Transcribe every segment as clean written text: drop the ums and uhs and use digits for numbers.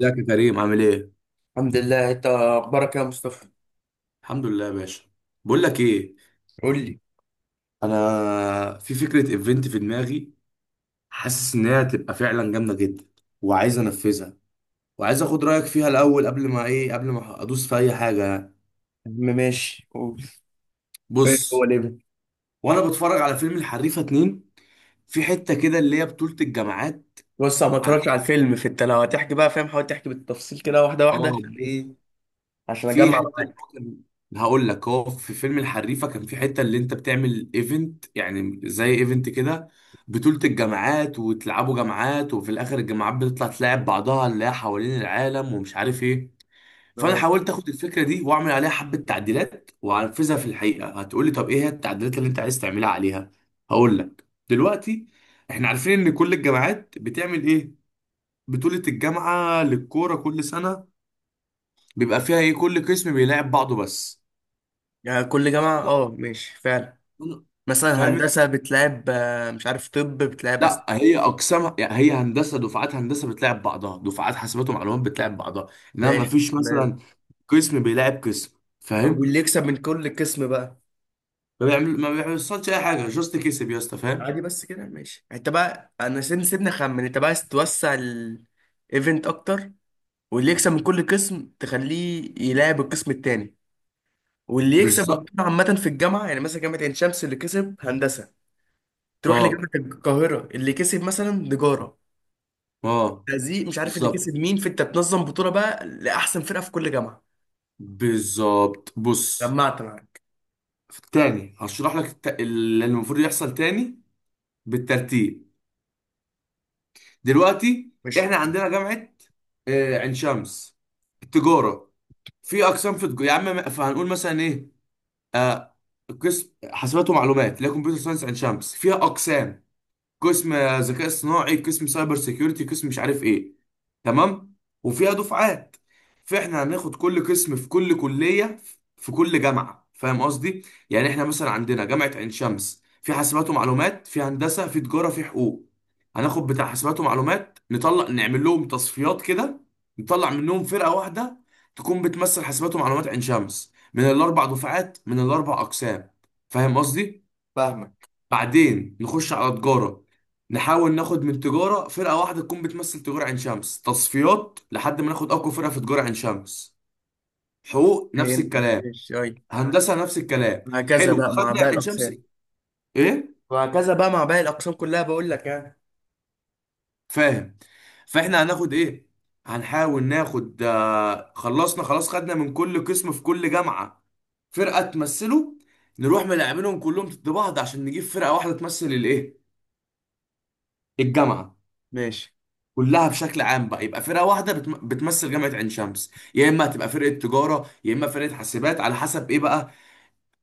ازيك يا كريم؟ عامل ايه؟ الحمد لله، انت اخبارك إيه يا مصطفى؟ الحمد لله يا باشا. بقول لك ايه، قول لي. انا في فكره ايفنت في دماغي. حاسس ان هي هتبقى فعلا جامده جدا وعايز انفذها، وعايز اخد رايك فيها الاول قبل ما ايه قبل ما ادوس في اي حاجه يعني. يا عم ماشي، قول. إيه؟ هو بص، ليه بقى؟ وانا بتفرج على فيلم الحريفه اتنين، في حته كده اللي هي بطوله الجامعات. بص، انا ما عارف، اتفرجتش على الفيلم. فانت لو هتحكي بقى فاهم، حاول تحكي بالتفصيل كده واحده واحده اه عشان ايه. بص، عشان في اجمع حته اللي معاك. هو كان، هقول لك، هو في فيلم الحريفه كان في حته اللي انت بتعمل ايفنت يعني زي ايفنت كده، بطولة الجامعات، وتلعبوا جامعات، وفي الاخر الجامعات بتطلع تلاعب بعضها اللي هي حوالين العالم ومش عارف ايه. فانا اه، حاولت اخد الفكره دي واعمل عليها حبه تعديلات وانفذها. في الحقيقه هتقولي طب ايه هي التعديلات اللي انت عايز تعملها عليها؟ هقول لك. دلوقتي احنا عارفين ان كل الجامعات بتعمل ايه، بطولة الجامعة للكورة كل سنة، بيبقى فيها ايه، كل قسم بيلاعب بعضه بس. يعني كل جامعه، اه، ماشي فعلا. أنا- مثلا فاهم، هندسه بتلعب، مش عارف، طب بتلعب لا أسنان. هي اقسامها يعني، هي هندسه دفعات، هندسه بتلاعب بعضها دفعات، حاسبات ومعلومات بتلاعب بعضها، انما ما ماشي فيش تمام. مثلا قسم بيلاعب قسم، طب فاهم. واللي يكسب من كل قسم بقى؟ ما بيعمل، ما بيحصلش اي حاجه، جاست كسب يا اسطى، فاهم. عادي، بس كده ماشي. انت بقى انا سيبني اخمن انت بقى عايز توسع الايفنت اكتر، واللي يكسب من كل قسم تخليه يلعب القسم التاني، واللي يكسب بالظبط. البطوله عامه في الجامعه، يعني مثلا جامعه عين شمس اللي كسب هندسه، تروح اه لجامعه القاهره اللي كسب مثلا تجاره، اه. تهزيق مش عارف اللي بالظبط كسب مين. فانت بتنظم بطوله بقى لاحسن فرقه في كل جامعه. بالظبط. بص، جمعت معاك. تاني هشرح لك اللي المفروض يحصل، تاني بالترتيب. دلوقتي مش احنا عندنا جامعه عين شمس، التجاره، في اقسام في التجاره يا عم، فهنقول مثلا ايه، آه قسم حاسبات ومعلومات اللي هي كمبيوتر ساينس اند شامبس، فيها اقسام، قسم ذكاء اصطناعي، قسم سايبر سيكيورتي، قسم مش عارف ايه، تمام. وفيها دفعات. فاحنا هناخد كل قسم في كل كلية في كل جامعة، فاهم قصدي؟ يعني احنا مثلا عندنا جامعة عين شمس، في حاسبات ومعلومات، في هندسة، في تجارة، في حقوق. هناخد بتاع حاسبات ومعلومات، نطلع نعمل لهم تصفيات كده، نطلع منهم فرقة واحدة تكون بتمثل حاسبات ومعلومات عين شمس من الاربع دفعات من الاربع اقسام، فاهم قصدي؟ فاهمك. بعدين نخش على تجارة، نحاول ناخد من تجارة فرقة واحدة تكون بتمثل تجارة عين شمس، تصفيات لحد ما ناخد أقوى فرقة في تجارة عين شمس. حقوق نفس فهمت، الكلام. ماشي، ايوه. هندسة نفس الكلام. وهكذا حلو بقى مع خدنا باقي عين شمس. الاقسام. إيه. وهكذا بقى مع باقي الاقسام كلها، بقول لك يعني. فاهم. فإحنا هناخد إيه، هنحاول ناخد خلصنا خلاص، خدنا من كل قسم في كل جامعة فرقة تمثله، نروح ملاعبينهم كلهم ضد بعض عشان نجيب فرقة واحدة تمثل الإيه، الجامعة ماشي. كلها بشكل عام بقى. يبقى فرقه واحده بتمثل جامعه عين شمس، يا اما هتبقى فرقه تجاره يا اما فرقه حاسبات، على حسب ايه بقى.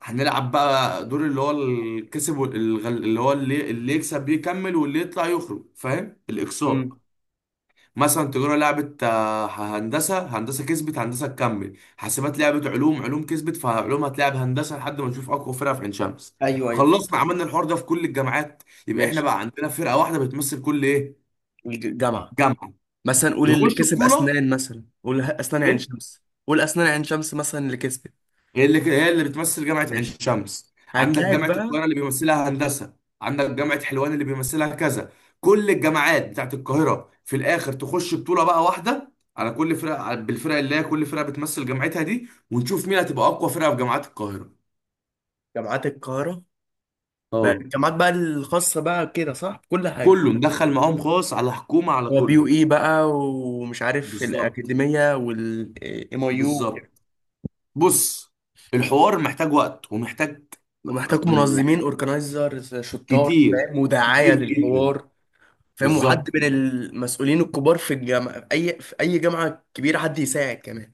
هنلعب بقى دور اللي هو الكسب اللي هو اللي يكسب يكمل واللي يطلع يخرج، فاهم، الاقصاء. امم. مثلا تجاره لعبت هندسه هندسه كسبت، هندسه تكمل. حاسبات لعبت علوم، علوم كسبت، فعلوم هتلعب هندسه لحد ما نشوف اقوى فرقه في عين شمس. ايوه، ايوه، فهمت. خلصنا عملنا الحوار ده في كل الجامعات. يبقى احنا ماشي. بقى عندنا فرقه واحده بتمثل كل ايه، جامعه. جامعه. مثلا قول اللي يخش كسب بطوله، اسنان، مثلا قول اسنان عين شمس مثلا اللي كسبت. هي اللي بتمثل جامعة عين ماشي، شمس. عندك هتلاعب جامعة بقى. القاهرة اللي بيمثلها هندسة، عندك جامعة حلوان اللي بيمثلها كذا، كل الجامعات بتاعت القاهرة في الآخر تخش بطولة بقى واحدة على كل فرقة، بالفرق اللي هي كل فرقة بتمثل جامعتها دي، ونشوف مين هتبقى أقوى فرقة في جامعات القاهرة. جامعات القاهرة. بقى اه. الجامعات بقى الخاصة بقى كده صح كل حاجة. كله مدخل معاهم، خاص، على حكومة، على هو بي كله. يو اي بقى، ومش عارف بالظبط الأكاديمية والام اي يو وكده. بالظبط. بص، الحوار محتاج وقت ومحتاج، ومحتاج منظمين يعني، اورجنايزر شطار، كتير، فاهم، ودعاية كتير جدا. للحوار. فاهم؟ وحد بالظبط، من المسؤولين الكبار في الجامعة، أي في أي جامعة كبيرة، حد يساعد كمان.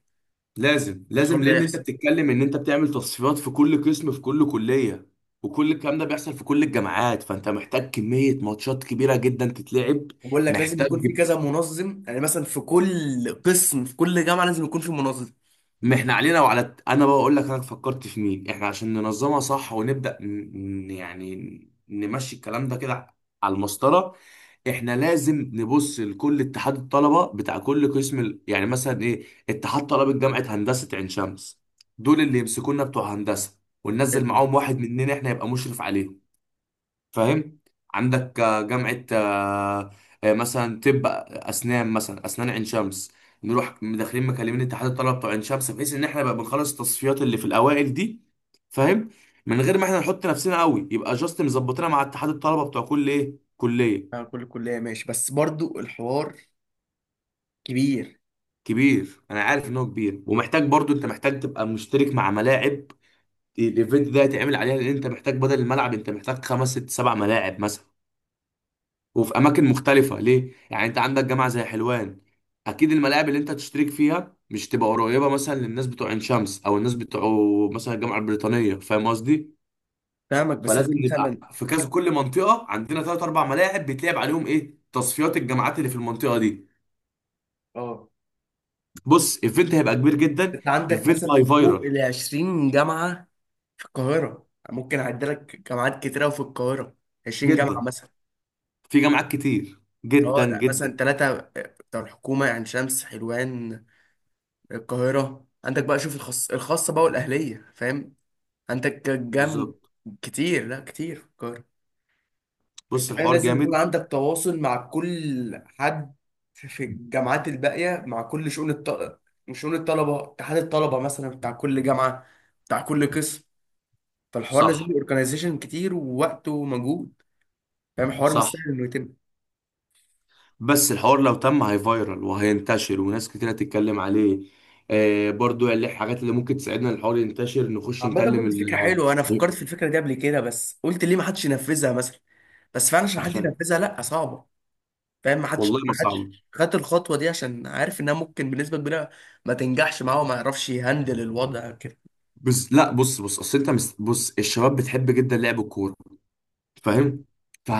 لازم لازم، الحوار ده لان انت يحصل. بتتكلم ان انت بتعمل تصفيات في كل قسم في كل كليه، وكل الكلام ده بيحصل في كل الجامعات، فانت محتاج كميه ماتشات كبيره جدا تتلعب. وبقول لك لازم يكون محتاج، في كذا منظم، يعني مثلا في كل قسم في كل جامعة لازم يكون في منظم. ما احنا علينا وعلى انا بقى اقول لك، انا فكرت في مين احنا عشان ننظمها صح ونبدا يعني نمشي الكلام ده كده على المسطره. احنا لازم نبص لكل اتحاد الطلبه بتاع كل قسم يعني مثلا ايه، اتحاد طلبه جامعه هندسه عين شمس، دول اللي يمسكونا بتوع هندسه، وننزل حلو. معاهم واحد مننا احنا يبقى مشرف عليهم، فاهم. عندك جامعه مثلا طب، اسنان مثلا، اسنان عين شمس، نروح داخلين مكلمين اتحاد الطلبه بتوع عين شمس، بحيث ان احنا بقى بنخلص التصفيات اللي في الاوائل دي، فاهم، من غير ما احنا نحط نفسنا قوي، يبقى جاست مظبطينها مع اتحاد الطلبه بتوع كل ايه، كليه. آه، كل كلية ماشي، بس برضو الحوار كبير. كبير، انا عارف ان هو كبير، ومحتاج برضو انت محتاج تبقى مشترك مع ملاعب. الايفنت ده هيتعمل عليها، لان انت محتاج بدل الملعب انت محتاج خمس ست سبع ملاعب مثلا، وفي اماكن مختلفه، ليه؟ يعني انت عندك جامعه زي حلوان، اكيد الملاعب اللي انت تشترك فيها مش تبقى قريبه مثلا للناس بتوع عين شمس، او الناس بتوع مثلا الجامعه البريطانيه، فاهم قصدي. فاهمك، بس انت فلازم نبقى مثلا. في كذا، كل منطقه عندنا ثلاث اربع ملاعب بيتلعب عليهم ايه، تصفيات الجامعات اللي في المنطقه دي. اه، بص، ايفنت هيبقى كبير جدا، انت عندك ايفنت هاي مثلا فوق فايرال ال 20 جامعه في القاهره، ممكن اعد لك جامعات كتيره في القاهره. 20 جامعه جدا. مثلا. في جامعات كتير، اه، جدا ده مثلا جدا. ثلاثه بتوع الحكومه، يعني شمس، حلوان، القاهره. عندك بقى شوف الخاص الخاصه بقى والاهليه، فاهم؟ عندك بالظبط. كتير، لا، كتير في القاهره. بص، انت فاهم الحوار لازم يكون جامد. عندك تواصل مع كل حد في الجامعات الباقية، مع كل شؤون الطلبة، شؤون الطلبة، اتحاد الطلبة مثلا بتاع كل جامعة، بتاع كل قسم. فالحوار لازم صح. اورجنايزيشن كتير، ووقت، ومجهود. فاهم؟ الحوار مش صح. سهل انه يتم. بس الحوار لو تم هيفايرال وهينتشر، وناس كتير هتتكلم عليه. برضو اللي الحاجات اللي ممكن تساعدنا الحوار ينتشر، نخش عامة نكلم برضه دي ال، فكرة حلوة، انا فكرت في الفكرة دي قبل كده، بس قلت ليه ما حدش ينفذها مثلا. بس فعلا عشان حد عشان، ينفذها لا، صعبة. فاهم؟ ما حدش والله ما ما حدش صعب. خد الخطوة دي، عشان عارف انها ممكن بنسبة كبيرة ما تنجحش معاه وما يعرفش يهندل الوضع كده. بس لا، بص بص، اصل انت بص، الشباب بتحب جدا لعب الكوره، مم. فاهم،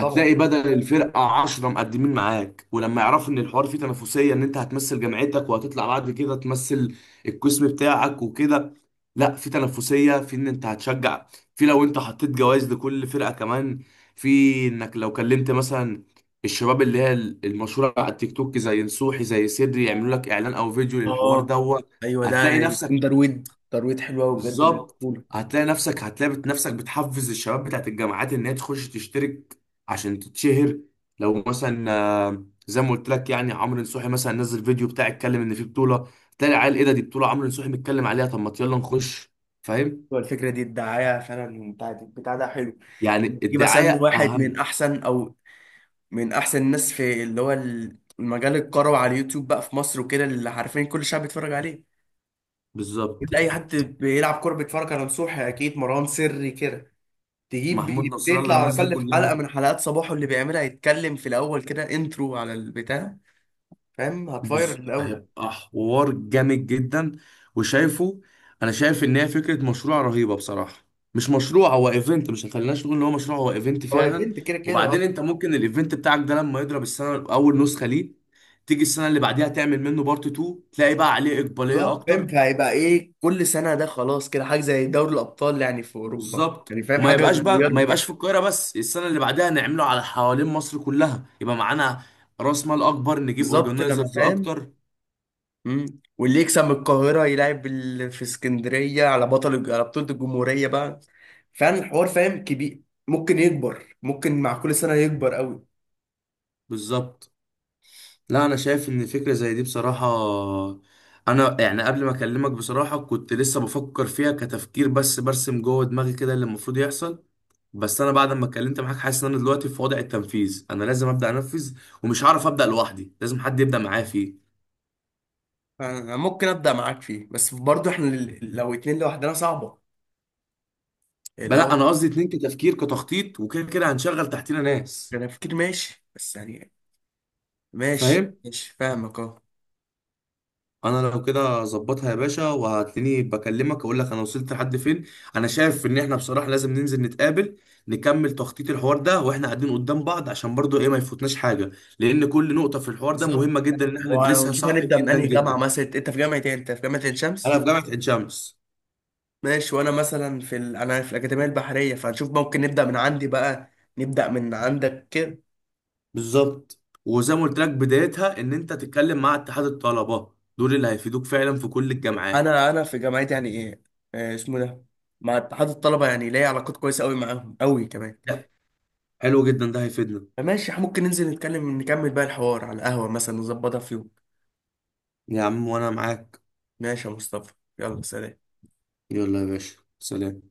طبعا. بدل الفرقه 10 مقدمين معاك. ولما يعرفوا ان الحوار فيه تنافسيه، ان انت هتمثل جامعتك وهتطلع بعد كده تمثل القسم بتاعك وكده، لا، في تنافسيه في ان انت هتشجع، في لو انت حطيت جوائز لكل فرقه كمان، في انك لو كلمت مثلا الشباب اللي هي المشهوره على التيك توك زي نصوحي زي سدري يعملوا لك اعلان او فيديو للحوار اه، دوت، ايوه، ده هتلاقي يكون نفسك، ترويج. ترويج حلو قوي بجد بالظبط، للبطوله. هتلاقي نفسك، نفسك بتحفز الشباب بتاعت الجامعات ان هي تخش تشترك عشان تتشهر. لو مثلا، زي ما قلت لك يعني، عمرو نصوحي مثلا نزل فيديو بتاع، اتكلم ان في بطوله، تلاقي العيال، ايه ده، دي بطوله عمرو نصوحي متكلم عليها، طب ما يلا نخش، فاهم. هو الفكره دي الدعايه فعلا، بتاع ده حلو. يعني يجيب الدعايه مثلا واحد من اهم. احسن، او من احسن الناس في اللي هو المجال الكروي على اليوتيوب بقى في مصر وكده، اللي عارفين كل الشعب بيتفرج عليه. انت بالظبط. اي حد بيلعب كوره بيتفرج على نصوحي اكيد، مروان سري كده. تجيب، محمود نصر الله، تطلع على الناس دي الاقل في كلها، حلقه من حلقات صباحه اللي بيعملها، يتكلم في الاول كده انترو على البتاع، فاهم؟ هتفاير قوي. هيبقى حوار جامد جدا. وشايفه، انا شايف ان هي فكره مشروع رهيبه بصراحه. مش مشروع، هو ايفنت، مش خليناش نقول ان هو مشروع، هو ايفنت هو فعلا. ايفنت كده كده، اه. وبعدين انت ممكن الايفنت بتاعك ده لما يضرب السنه اول نسخه ليه، تيجي السنه اللي بعديها تعمل منه بارت 2، تلاقي بقى عليه اقباليه بالظبط فاهم، اكتر. فهيبقى ايه كل سنه، ده خلاص كده حاجه زي دوري الابطال يعني في اوروبا، بالظبط. يعني فاهم، وما حاجه يبقاش بقى، ما صغيره كده. يبقاش في القاهره بس، السنه اللي بعدها نعمله على حوالين مصر كلها، يبقى معانا راس مال اكبر، نجيب بالظبط، لما اورجنايزرز فاهم. اكتر. امم. واللي يكسب من القاهره يلعب في اسكندريه على بطوله الجمهوريه بقى. فعلا الحوار فاهم كبير، ممكن يكبر، ممكن مع كل سنه يكبر قوي. بالظبط. لا، انا شايف ان فكره زي دي بصراحه، انا يعني قبل ما اكلمك بصراحه كنت لسه بفكر فيها كتفكير بس، برسم جوه دماغي كده اللي المفروض يحصل. بس انا بعد ما اتكلمت معاك حاسس ان انا دلوقتي في وضع التنفيذ، انا لازم ابدا انفذ، ومش هعرف ابدا لوحدي، لازم حد يبدا معايا فيه. فأنا ممكن ابدا معاك فيه، بس برضه احنا لو اتنين لوحدنا صعبه. بلا، الاول. انا قصدي اتنين كتفكير كتخطيط، وكده كده هنشغل تحتنا ناس، انا فكر، ماشي بس يعني. ماشي فاهم. ماشي، فاهمك، اه. انا لو كده ظبطها يا باشا وهتلاقيني بكلمك اقول لك انا وصلت لحد فين. انا شايف ان احنا بصراحه لازم ننزل نتقابل، نكمل تخطيط الحوار ده واحنا قاعدين قدام بعض، عشان برضو ايه ما يفوتناش حاجه، لان كل نقطه في الحوار ده بالظبط. مهمه جدا ان احنا ندرسها ونشوف صح، هنبدا من جدا انهي جامعه، جدا. مثلا انت في جامعه ايه؟ انت في جامعه عين شمس؟ انا في جامعه عين شمس. ماشي. وانا مثلا انا في الاكاديميه البحريه، فهنشوف ممكن نبدا من عندي بقى، نبدا من عندك كده. بالظبط، وزي ما قلت لك بدايتها ان انت تتكلم مع اتحاد الطلبه، دول اللي هيفيدوك فعلا في كل الجامعات. انا في جامعتي يعني ايه، آه، اسمه ده، مع اتحاد الطلبه، يعني ليا علاقات كويسه قوي معاهم، قوي كمان. لا، حلو جدا، ده هيفيدنا. فماشي، ممكن ننزل نتكلم نكمل بقى الحوار على القهوه مثلا، نظبطها في يوم. يا عم وانا معاك. ماشي يا مصطفى. يلا سلام. يلا يا باشا، سلام.